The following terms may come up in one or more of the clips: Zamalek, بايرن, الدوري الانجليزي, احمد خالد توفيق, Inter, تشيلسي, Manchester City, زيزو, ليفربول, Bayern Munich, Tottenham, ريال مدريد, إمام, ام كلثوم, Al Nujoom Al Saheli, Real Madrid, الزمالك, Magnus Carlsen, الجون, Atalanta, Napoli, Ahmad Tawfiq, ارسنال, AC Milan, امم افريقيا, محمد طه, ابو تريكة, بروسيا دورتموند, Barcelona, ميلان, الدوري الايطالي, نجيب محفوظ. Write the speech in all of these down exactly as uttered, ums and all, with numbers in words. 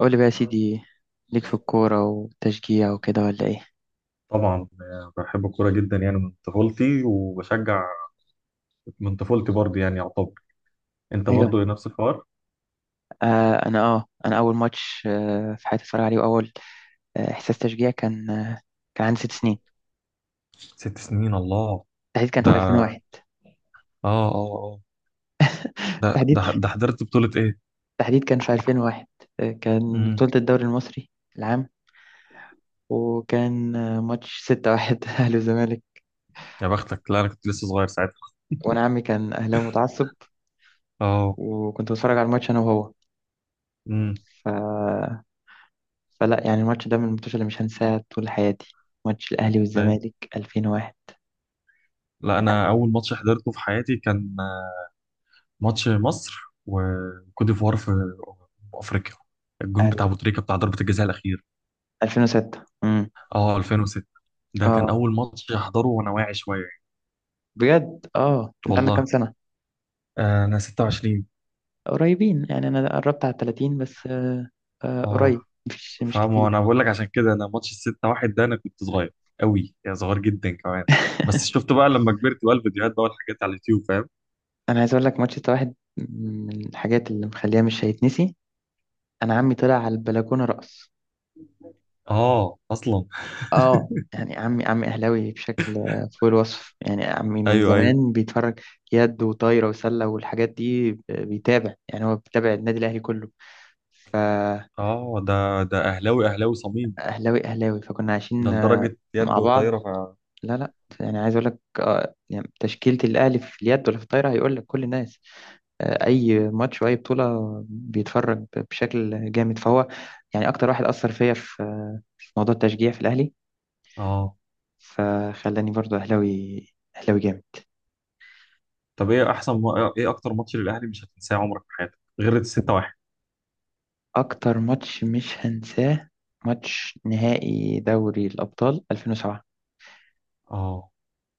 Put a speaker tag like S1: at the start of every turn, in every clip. S1: قول لي بقى يا سيدي، ليك في الكورة وتشجيع وكده ولا ايه؟
S2: طبعا آه، بحب الكورة جدا يعني من طفولتي وبشجع من طفولتي برضه يعني يعتبر. انت
S1: ايوه.
S2: برضه نفس الحوار.
S1: آه انا اه انا اول ماتش آه في حياتي اتفرج عليه، واول آه احساس تشجيع، كان آه كان عندي ست سنين.
S2: ست سنين، الله.
S1: تحديد كان في
S2: ده
S1: ألفين وواحد.
S2: اه اه اه ده
S1: تحديد
S2: ده ده حضرت بطولة ايه؟
S1: تحديد كان في ألفين وواحد، آه كان
S2: امم
S1: بطولة الدوري المصري العام، وكان آه ماتش ستة واحد اهلي وزمالك.
S2: يا بختك، لا انا كنت لسه صغير ساعتها.
S1: وانا عمي كان اهلاوي متعصب،
S2: اه.
S1: وكنت بتفرج على الماتش انا وهو.
S2: امم.
S1: ف... فلا يعني، الماتش ده من الماتشات اللي مش هنساها طول حياتي، ماتش الاهلي
S2: ايوه.
S1: والزمالك ألفين وواحد.
S2: لا انا اول ماتش حضرته في حياتي كان آه، ماتش مصر وكوت ديفوار في أمم افريقيا، الجون بتاع
S1: أل-
S2: ابو تريكة بتاع ضربة الجزاء الاخير.
S1: ألفين وستة، امم
S2: اه، ألفين وستة. ده كان
S1: اه
S2: اول ماتش احضره وانا واعي شوية يعني.
S1: بجد، اه انت عندك كام
S2: والله،
S1: سنة؟
S2: آه، انا ستة وعشرين.
S1: قريبين يعني، انا قربت على ثلاثين، بس آه آه قريب،
S2: اه
S1: مش مش
S2: فاهم، انا
S1: كتير.
S2: بقول لك عشان كده انا ماتش الستة واحد ده انا كنت صغير قوي، يعني صغير جدا كمان. بس شفت بقى لما كبرت بقى الفيديوهات بقى والحاجات على اليوتيوب، فاهم.
S1: انا عايز اقول لك، ماتش ده واحد من الحاجات اللي مخليها مش هيتنسي. انا عمي طلع على البلكونة رقص.
S2: اه اصلا.
S1: اه يعني عمي عمي اهلاوي بشكل آه، فوق الوصف. يعني عمي من
S2: ايوه ايوه.
S1: زمان بيتفرج يد وطايرة وسلة، والحاجات دي ب- بيتابع، يعني هو بيتابع النادي الاهلي كله، فاهلاوي
S2: اه، ده ده اهلاوي اهلاوي صميم.
S1: اهلاوي أهلاوي. فكنا
S2: ده
S1: عايشين آه،
S2: لدرجة
S1: مع
S2: يد
S1: بعض.
S2: وطايرة ف...
S1: لا لا، يعني عايز اقول لك آه، يعني تشكيلة الاهلي في اليد ولا في الطايرة هيقول لك كل الناس، آه، اي ماتش واي بطولة بيتفرج بشكل جامد. فهو يعني اكتر واحد اثر فيا في في موضوع التشجيع في الاهلي،
S2: اه.
S1: فخلاني برضو اهلاوي، اهلاوي جامد.
S2: طب ايه احسن م... ايه اكتر ماتش للاهلي مش هتنساه عمرك في حياتك غير الستة واحد؟
S1: اكتر ماتش مش هنساه، ماتش نهائي دوري الابطال ألفين وسبعة
S2: اه.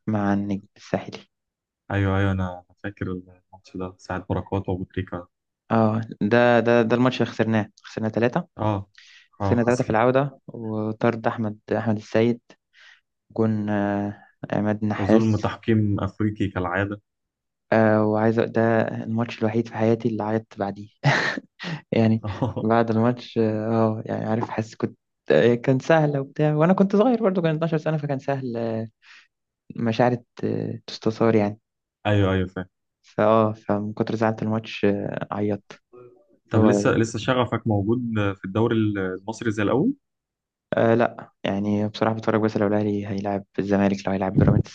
S1: مع النجم الساحلي.
S2: ايوه ايوه، انا فاكر الماتش ده، ساعة بركات وابو تريكة.
S1: اه ده ده ده الماتش اللي خسرناه، خسرنا ثلاثة
S2: اه. اه،
S1: خسرنا ثلاثة في
S2: حصل.
S1: العودة، وطرد أحمد أحمد السيد، جون آه، عماد
S2: وظلم
S1: النحاس.
S2: تحكيم افريقي كالعادة.
S1: آه، وعايز أ- ده الماتش الوحيد في حياتي اللي عيطت بعديه يعني
S2: اه.
S1: بعد الماتش اه آه، يعني عارف، حاسس كنت آه، كان سهل، وبتاع، وانا كنت صغير برضو، كان اثنا عشر سنة، فكان سهل، آه، مشاعر آه، تستثار يعني.
S2: ايوه ايوه، فاهم.
S1: فاه فمن كتر زعلة الماتش آه، عيطت.
S2: طب لسه
S1: هو
S2: لسه شغفك موجود في الدوري المصري زي الاول؟
S1: آه لا يعني بصراحة بتفرج، بس لو الاهلي هيلعب الزمالك، لو هيلعب بيراميدز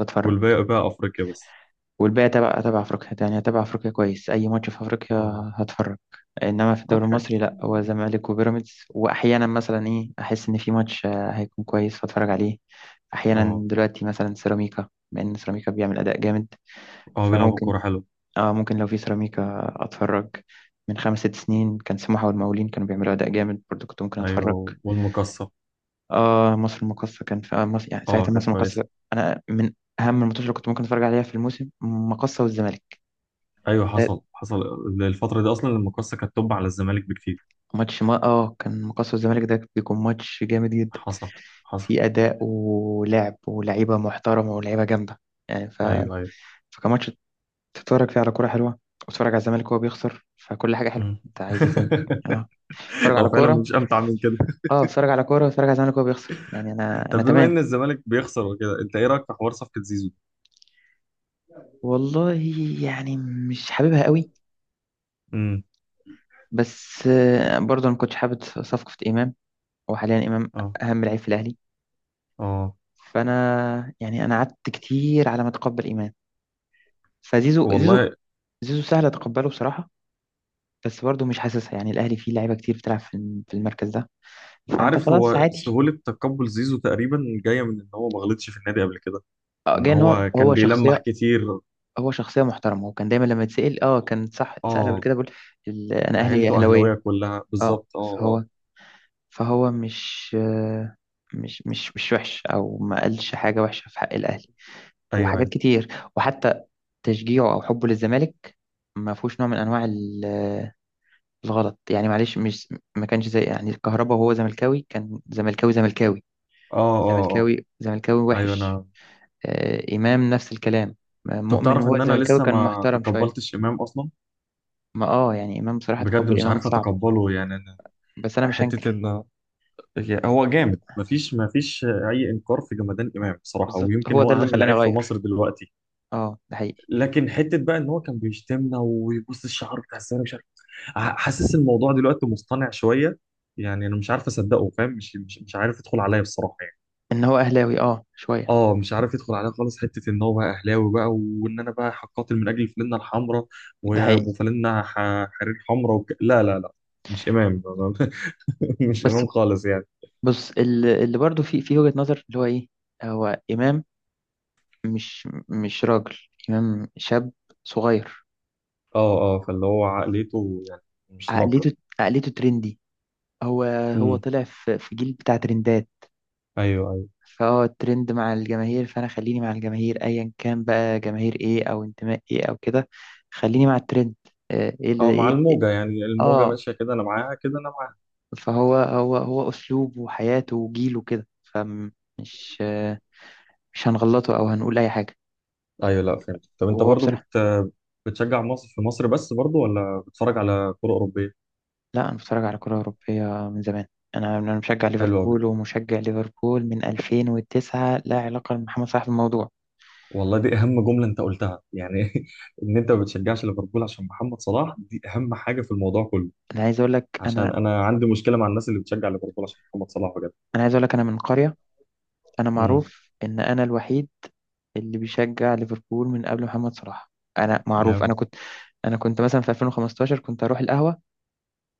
S1: بتفرج.
S2: والباقي بقى افريقيا بس.
S1: والباقي تبع تبع افريقيا، يعني تبع افريقيا كويس، اي ماتش في افريقيا
S2: اه.
S1: هتفرج. انما في
S2: ما
S1: الدوري
S2: بحس.
S1: المصري لا، هو زمالك وبيراميدز، واحيانا مثلا ايه، احس ان في ماتش آه، هيكون كويس فاتفرج عليه. احيانا
S2: اه
S1: دلوقتي مثلا سيراميكا، بما ان سيراميكا بيعمل اداء جامد،
S2: اه، بيلعبوا
S1: فممكن
S2: كوره حلو.
S1: اه ممكن لو في سيراميكا اتفرج. من خمس ست سنين كان سموحة والمقاولين كانوا بيعملوا اداء جامد برضو، كنت ممكن اتفرج.
S2: ايوه، والمقصه.
S1: اه، مصر المقاصة، كان في آه مصر يعني
S2: اه
S1: ساعتها،
S2: كانت
S1: مصر
S2: كويسه.
S1: المقاصة. انا من اهم الماتشات اللي كنت ممكن اتفرج عليها في الموسم مقاصة والزمالك.
S2: ايوه، حصل حصل. الفتره دي اصلا المقصه كانت توب على الزمالك بكتير.
S1: ماتش ما اه كان مقصة الزمالك ده بيكون ماتش جامد جدا،
S2: حصل حصل.
S1: في أداء ولعب ولعيبة محترمة ولعيبة جامدة، يعني ف...
S2: ايوه ايوه.
S1: فكان ماتش تتفرج فيه على كورة حلوة، وتتفرج على الزمالك وهو بيخسر، فكل حاجة حلوة،
S2: مم.
S1: انت عايز ايه تاني؟ اه اتفرج على
S2: هو فعلا
S1: كورة
S2: مش امتع من كده.
S1: اه اتفرج على كورة واتفرج على الزمالك وهو بيخسر يعني، انا انا
S2: طب بما
S1: تمام.
S2: ان الزمالك بيخسر وكده، انت ايه رايك في حوار صفقه زيزو؟
S1: والله، يعني مش حاببها قوي،
S2: امم.
S1: بس آه، برضه انا ما كنتش حابب صفقة إمام، وحاليا إمام
S2: اه
S1: أهم لعيب في الأهلي،
S2: اه.
S1: فأنا يعني أنا قعدت كتير على ما أتقبل إمام. فزيزو زيزو
S2: والله،
S1: زيزو سهل اتقبله بصراحه، بس برضه مش حاسسها. يعني الاهلي فيه لعيبه كتير بتلعب في الم- في المركز ده، فانت
S2: عارف،
S1: خلاص
S2: هو
S1: عادي.
S2: سهولة تقبل زيزو تقريبا جاية من إن هو ما غلطش في النادي قبل كده،
S1: آه،
S2: وإن
S1: جاي ان هو
S2: هو كان
S1: هو
S2: بيلمح
S1: شخصيه
S2: كتير.
S1: هو شخصيه محترمه، وكان دايما لما يتسال اه كان صح اتسال قبل
S2: آه،
S1: كده، بيقول ال- انا اهلي
S2: عيلته أهلاوية
S1: اهلاويه.
S2: كلها
S1: اه
S2: بالظبط، آه آه.
S1: فهو فهو مش آه، مش مش مش وحش، او ما قالش حاجه وحشه في حق الاهلي،
S2: أيوه
S1: وحاجات
S2: أيوه.
S1: كتير. وحتى تشجيعه او حبه للزمالك ما فيهوش نوع من انواع ال- الغلط، يعني معلش، مش ما كانش زي يعني الكهرباء وهو زملكاوي، كان زملكاوي زملكاوي
S2: آه آه آه
S1: زملكاوي زملكاوي
S2: أيوه.
S1: وحش.
S2: أنا،
S1: آه إمام نفس الكلام آه،
S2: طب
S1: مؤمن
S2: تعرف
S1: وهو
S2: إن أنا
S1: زملكاوي
S2: لسه
S1: كان
S2: ما
S1: محترم شوية.
S2: تقبلتش إمام أصلا؟
S1: ما اه يعني إمام بصراحة،
S2: بجد
S1: تقبل
S2: مش
S1: إمام
S2: عارف
S1: صعب،
S2: أتقبله يعني أنا.
S1: بس أنا مش
S2: حتة
S1: هنكر.
S2: إن يعني هو جامد، مفيش مفيش أي إنكار في جمدان إمام بصراحة،
S1: بالظبط
S2: ويمكن
S1: هو ده
S2: هو
S1: اللي
S2: أهم
S1: خلاني
S2: لعيب في مصر
S1: أغير،
S2: دلوقتي.
S1: اه ده حقيقي،
S2: لكن حتة بقى إن هو كان بيشتمنا ويبص الشعر بتاع الزمالك. ح- حاسس الموضوع دلوقتي مصطنع شويه، يعني انا مش عارف اصدقه، فاهم، مش مش مش عارف يدخل عليا بصراحه يعني.
S1: إن هو أهلاوي اه شوية.
S2: اه، مش عارف يدخل عليا خالص، حته ان هو بقى اهلاوي بقى وان انا بقى هقاتل من اجل فلانه الحمراء
S1: ده
S2: وابو
S1: حقيقي.
S2: فلانه ح- حرير حمراء وك... لا لا لا مش امام. مش
S1: بس
S2: امام خالص يعني.
S1: بص اللي, اللي برضه في في وجهة نظر اللي هو إيه، هو إمام مش مش راجل. إمام شاب صغير،
S2: اه اه، فاللي هو عقليته يعني مش ناضجه.
S1: عقليته عقليته ترندي، هو هو
S2: امم.
S1: طلع في في جيل بتاع ترندات.
S2: ايوه ايوه.
S1: فهو الترند مع الجماهير، فانا خليني مع الجماهير ايا كان بقى جماهير ايه او انتماء ايه او كده، خليني مع الترند. آه، ايه اللي
S2: اه، مع
S1: ايه إيه-
S2: الموجه يعني، الموجه
S1: اه
S2: ماشيه كده انا معاها كده انا.
S1: فهو هو هو اسلوبه وحياته وجيله كده، فمش آه، مش هنغلطه او هنقول اي حاجه،
S2: ايوه، لا فهمت. طب انت
S1: وهو
S2: برضو بت...
S1: بصراحه.
S2: بتشجع مصر في مصر بس برضو، ولا بتتفرج على كرة أوروبية؟
S1: لا انا بتفرج على كره اوروبيه من زمان. انا انا مشجع
S2: حلوة. بت...
S1: ليفربول ومشجع ليفربول من ألفين وتسعة، لا علاقه لمحمد صلاح بالموضوع.
S2: والله دي أهم جملة أنت قلتها يعني. إن أنت ما بتشجعش ليفربول عشان محمد صلاح، دي أهم حاجة في الموضوع كله.
S1: انا عايز اقول لك
S2: عشان
S1: انا
S2: أنا عندي مشكلة مع الناس اللي بتشجع ليفربول عشان محمد صلاح بجد.
S1: انا عايز اقول لك انا من قريه. انا
S2: امم.
S1: معروف ان انا الوحيد اللي بيشجع ليفربول من قبل محمد صلاح. انا معروف، انا
S2: جامد.
S1: كنت انا كنت مثلا في ألفين وخمسة عشر كنت اروح القهوه.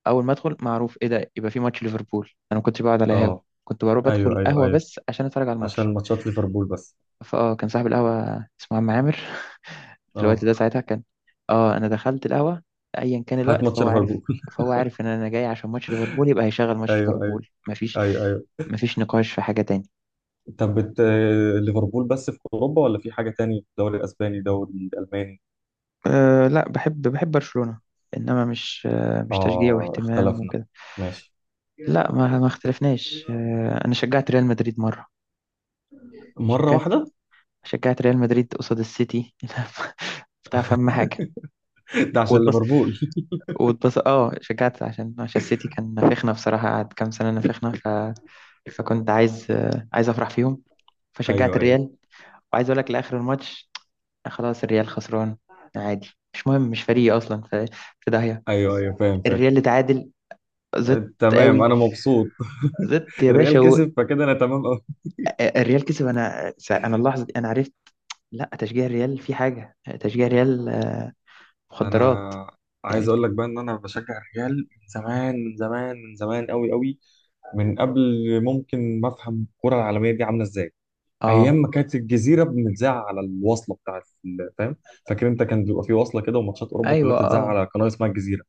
S1: اول ما ادخل معروف ايه ده، يبقى في ماتش ليفربول. انا ما كنتش بقعد على قهاوي،
S2: أه.
S1: كنت بروح بدخل
S2: أيوه أيوه
S1: القهوه
S2: أيوه،
S1: بس عشان اتفرج على الماتش.
S2: عشان ماتشات ليفربول بس.
S1: فاه كان صاحب القهوه اسمه عم عامر في الوقت
S2: أه،
S1: ده ساعتها كان، اه انا دخلت القهوه ايا كان
S2: هات
S1: الوقت
S2: ماتش
S1: فهو
S2: ليفربول.
S1: عارف، فهو عارف ان انا جاي عشان ماتش ليفربول يبقى هيشغل ماتش
S2: أيوه أيوه.
S1: ليفربول، مفيش
S2: أيوه أيوه.
S1: مفيش نقاش في حاجه تاني.
S2: طب بت... ليفربول بس في أوروبا، ولا في حاجة تاني، الدوري الأسباني، الدوري الألماني؟
S1: أه لا، بحب بحب برشلونة، انما مش، أه مش تشجيع
S2: آه،
S1: واهتمام
S2: اختلفنا.
S1: وكده.
S2: ماشي.
S1: لا ما ما اختلفناش. أه انا شجعت ريال مدريد مرة.
S2: مرة
S1: شجعت
S2: واحدة.
S1: شجعت ريال مدريد قصاد السيتي بتاع فم حاجة.
S2: ده عشان
S1: واتبص
S2: ليفربول.
S1: واتبص اه شجعت، عشان عشان السيتي كان نافخنا بصراحة، قعد كام سنة نافخنا، ف... فكنت عايز آه، عايز افرح فيهم، فشجعت
S2: ايوه ايوه.
S1: الريال. وعايز اقول لك لاخر الماتش آه، خلاص الريال خسران، عادي مش مهم، مش فريقي اصلا، ف- في داهية.
S2: ايوه ايوه، فاهم فاهم.
S1: الريال اللي تعادل، زدت
S2: آه، تمام،
S1: قوي.
S2: انا مبسوط.
S1: زدت يا
S2: الريال
S1: باشا و...
S2: كسب فكده انا تمام قوي.
S1: الريال كسب، انا س- انا اللحظه دي انا عرفت لا، تشجيع الريال في حاجه، تشجيع الريال آه، مخدرات.
S2: انا عايز
S1: يعني،
S2: اقول لك بقى ان انا بشجع الريال من زمان، من زمان، من زمان، قوي قوي. من قبل ممكن ما افهم الكرة العالمية دي عاملة ازاي. ايام
S1: اه،
S2: ما كانت الجزيرة بنتذاع على الوصلة بتاعت ال- فاهم، فاكر انت كان بيبقى في وصلة كده، وماتشات اوروبا كلها
S1: ايوه،
S2: بتتذاع
S1: اه،
S2: على قناة اسمها الجزيرة.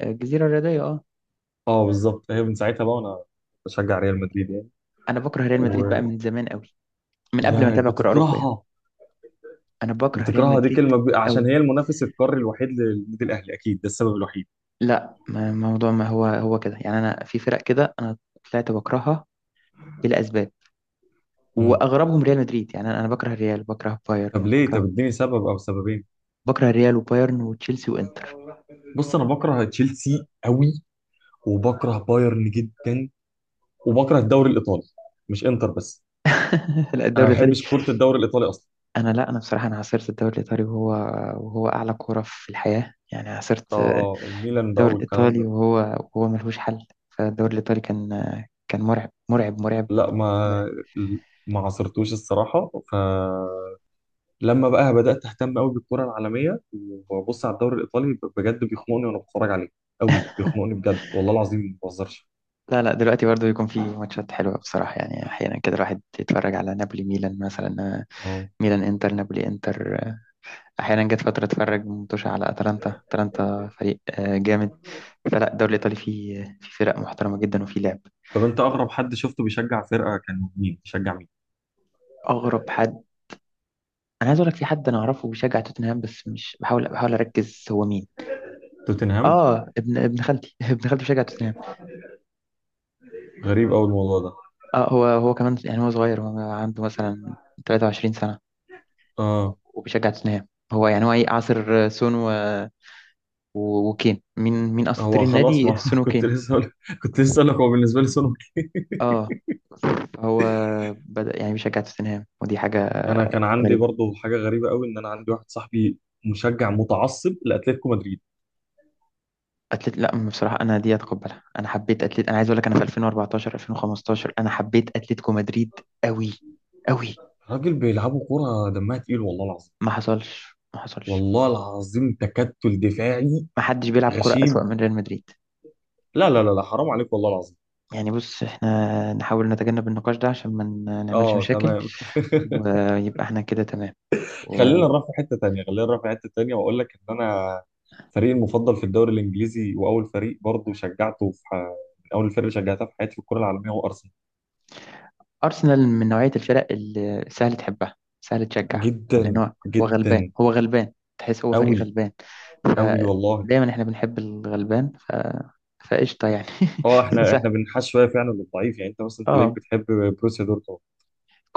S1: الجزيره الرياضيه، اه.
S2: اه بالظبط، هي من ساعتها بقى وانا بشجع ريال مدريد يعني.
S1: انا بكره ريال مدريد بقى
S2: و،
S1: من زمان قوي، من قبل ما
S2: يا
S1: اتابع كره اوروبيه،
S2: بتكرهها.
S1: انا بكره ريال
S2: بتكرهها دي
S1: مدريد
S2: كلمه ب... عشان
S1: قوي.
S2: هي المنافس القاري الوحيد للنادي الاهلي، اكيد ده السبب الوحيد.
S1: لا ما موضوع، ما هو هو كده. يعني انا في فرق كده انا طلعت بكرهها لاسباب،
S2: مم.
S1: واغربهم ريال مدريد. يعني انا أنا بكره الريال، بكره بايرن،
S2: طب ليه؟ طب
S1: وبكره
S2: اديني سبب او سببين.
S1: بكره الريال وبايرن وتشيلسي وانتر.
S2: بص، انا بكره تشيلسي قوي، وبكره بايرن جدا، وبكره الدوري الايطالي، مش انتر بس.
S1: لا،
S2: انا ما
S1: الدوري الايطالي،
S2: بحبش كره الدوري الايطالي اصلا.
S1: انا لا انا بصراحه انا عاصرت الدوري الايطالي وهو وهو اعلى كوره في الحياه، يعني عاصرت
S2: اه اه، ميلان بقى
S1: الدوري
S2: والكلام
S1: الايطالي
S2: ده.
S1: وهو وهو ملهوش حل. فالدوري الايطالي كان كان مرعب مرعب مرعب
S2: لا، ما
S1: مرعب.
S2: ما عصرتوش الصراحه، ف لما بقى بدات اهتم قوي بالكره العالميه وببص على الدوري الايطالي، ب- بجد بيخنقني وانا بتفرج عليه، قوي بيخنقني بجد، والله العظيم ما بهزرش.
S1: لا لا، دلوقتي برضه يكون في ماتشات حلوه بصراحه، يعني احيانا كده الواحد يتفرج على نابولي ميلان مثلا،
S2: اه.
S1: ميلان انتر، نابولي انتر. احيانا جت فتره اتفرج متوشه على اتلانتا، اتلانتا فريق آه، جامد. فلا، الدوري الايطالي فيه في فرق محترمه جدا، وفي لعب.
S2: طب انت اغرب حد شفته بيشجع فرقه كان مين بيشجع مين؟
S1: اغرب حد، انا عايز اقول لك في حد انا اعرفه بيشجع توتنهام، بس مش، بحاول بحاول اركز هو مين.
S2: توتنهام؟
S1: اه ابن ابن خالتي ابن خالتي بيشجع توتنهام.
S2: غريب قوي الموضوع ده.
S1: اه، هو هو كمان يعني، هو صغير، هو عنده مثلا تلاتة وعشرين سنة
S2: اه.
S1: وبيشجع توتنهام. هو يعني هو ايه، عصر سون و... و... وكين، مين مين اساطير
S2: هو خلاص،
S1: النادي،
S2: ما
S1: سون
S2: كنت
S1: وكين.
S2: لسه أقول... كنت لسه اقول لك هو بالنسبه لي سونو.
S1: اه هو بدأ يعني بيشجع توتنهام، ودي حاجة
S2: انا كان عندي
S1: غريبة.
S2: برضو حاجه غريبه قوي، ان انا عندي واحد صاحبي مشجع متعصب لاتلتيكو مدريد.
S1: أتلت، لا بصراحة أنا دي أتقبلها، أنا حبيت أتلت، أنا عايز أقول لك أنا في ألفين وأربعتاشر ألفين وخمستاشر أنا حبيت أتلتيكو مدريد أوي أوي.
S2: راجل بيلعبوا كوره دمها تقيل، والله العظيم.
S1: ما حصلش، ما حصلش.
S2: والله العظيم، تكتل دفاعي
S1: ما حدش بيلعب كرة أسوأ
S2: غشيم.
S1: من ريال مدريد.
S2: لا لا لا لا حرام عليك والله العظيم.
S1: يعني بص، احنا نحاول نتجنب النقاش ده عشان ما ن- نعملش
S2: اه
S1: مشاكل،
S2: تمام.
S1: ويبقى احنا كده تمام.
S2: خلينا نروح في حته تانيه، خلينا نروح في حته تانيه، واقول لك ان انا فريقي المفضل في الدوري الانجليزي واول فريق برضه شجعته في ح... من اول الفرق اللي شجعتها في حياتي في الكره العالميه هو ارسنال.
S1: وأرسنال من نوعية الفرق اللي سهل تحبها، سهل تشجع، لأن
S2: جدا.
S1: هو هو غلبان،
S2: جدا.
S1: هو غلبان، تحس هو فريق
S2: قوي.
S1: غلبان.
S2: قوي، والله.
S1: فدايما احنا بنحب الغلبان، ف... فقشطة يعني.
S2: اه، احنا احنا
S1: سهل،
S2: بنحش شويه فعلا للضعيف، يعني انت مثلا تلاقيك
S1: اه،
S2: بتحب بروسيا دورتموند.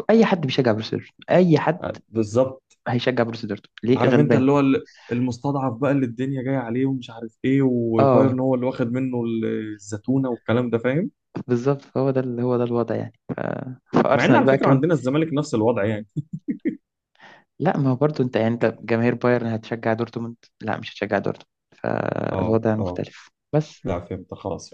S1: أي حد بيشجع بروسيا دورتموند، أي حد
S2: آه، بالظبط.
S1: هيشجع بروسيا دورتموند، ليه؟
S2: عارف انت
S1: غلبان.
S2: اللي هو ال- المستضعف بقى اللي الدنيا جايه عليه ومش عارف ايه،
S1: اه
S2: وبايرن هو اللي واخد منه ال- الزتونه والكلام ده، فاهم.
S1: بالظبط، فهو ده ال- هو ده الوضع، يعني ف...
S2: مع ان
S1: فارسنال
S2: على
S1: بقى
S2: فكره
S1: كمان.
S2: عندنا الزمالك نفس الوضع يعني.
S1: لا، ما هو برضه انت، يعني انت جماهير بايرن هتشجع دورتموند؟ لا، مش هتشجع دورتموند.
S2: اه
S1: فالوضع
S2: اه،
S1: مختلف بس.
S2: لا فهمت خلاص.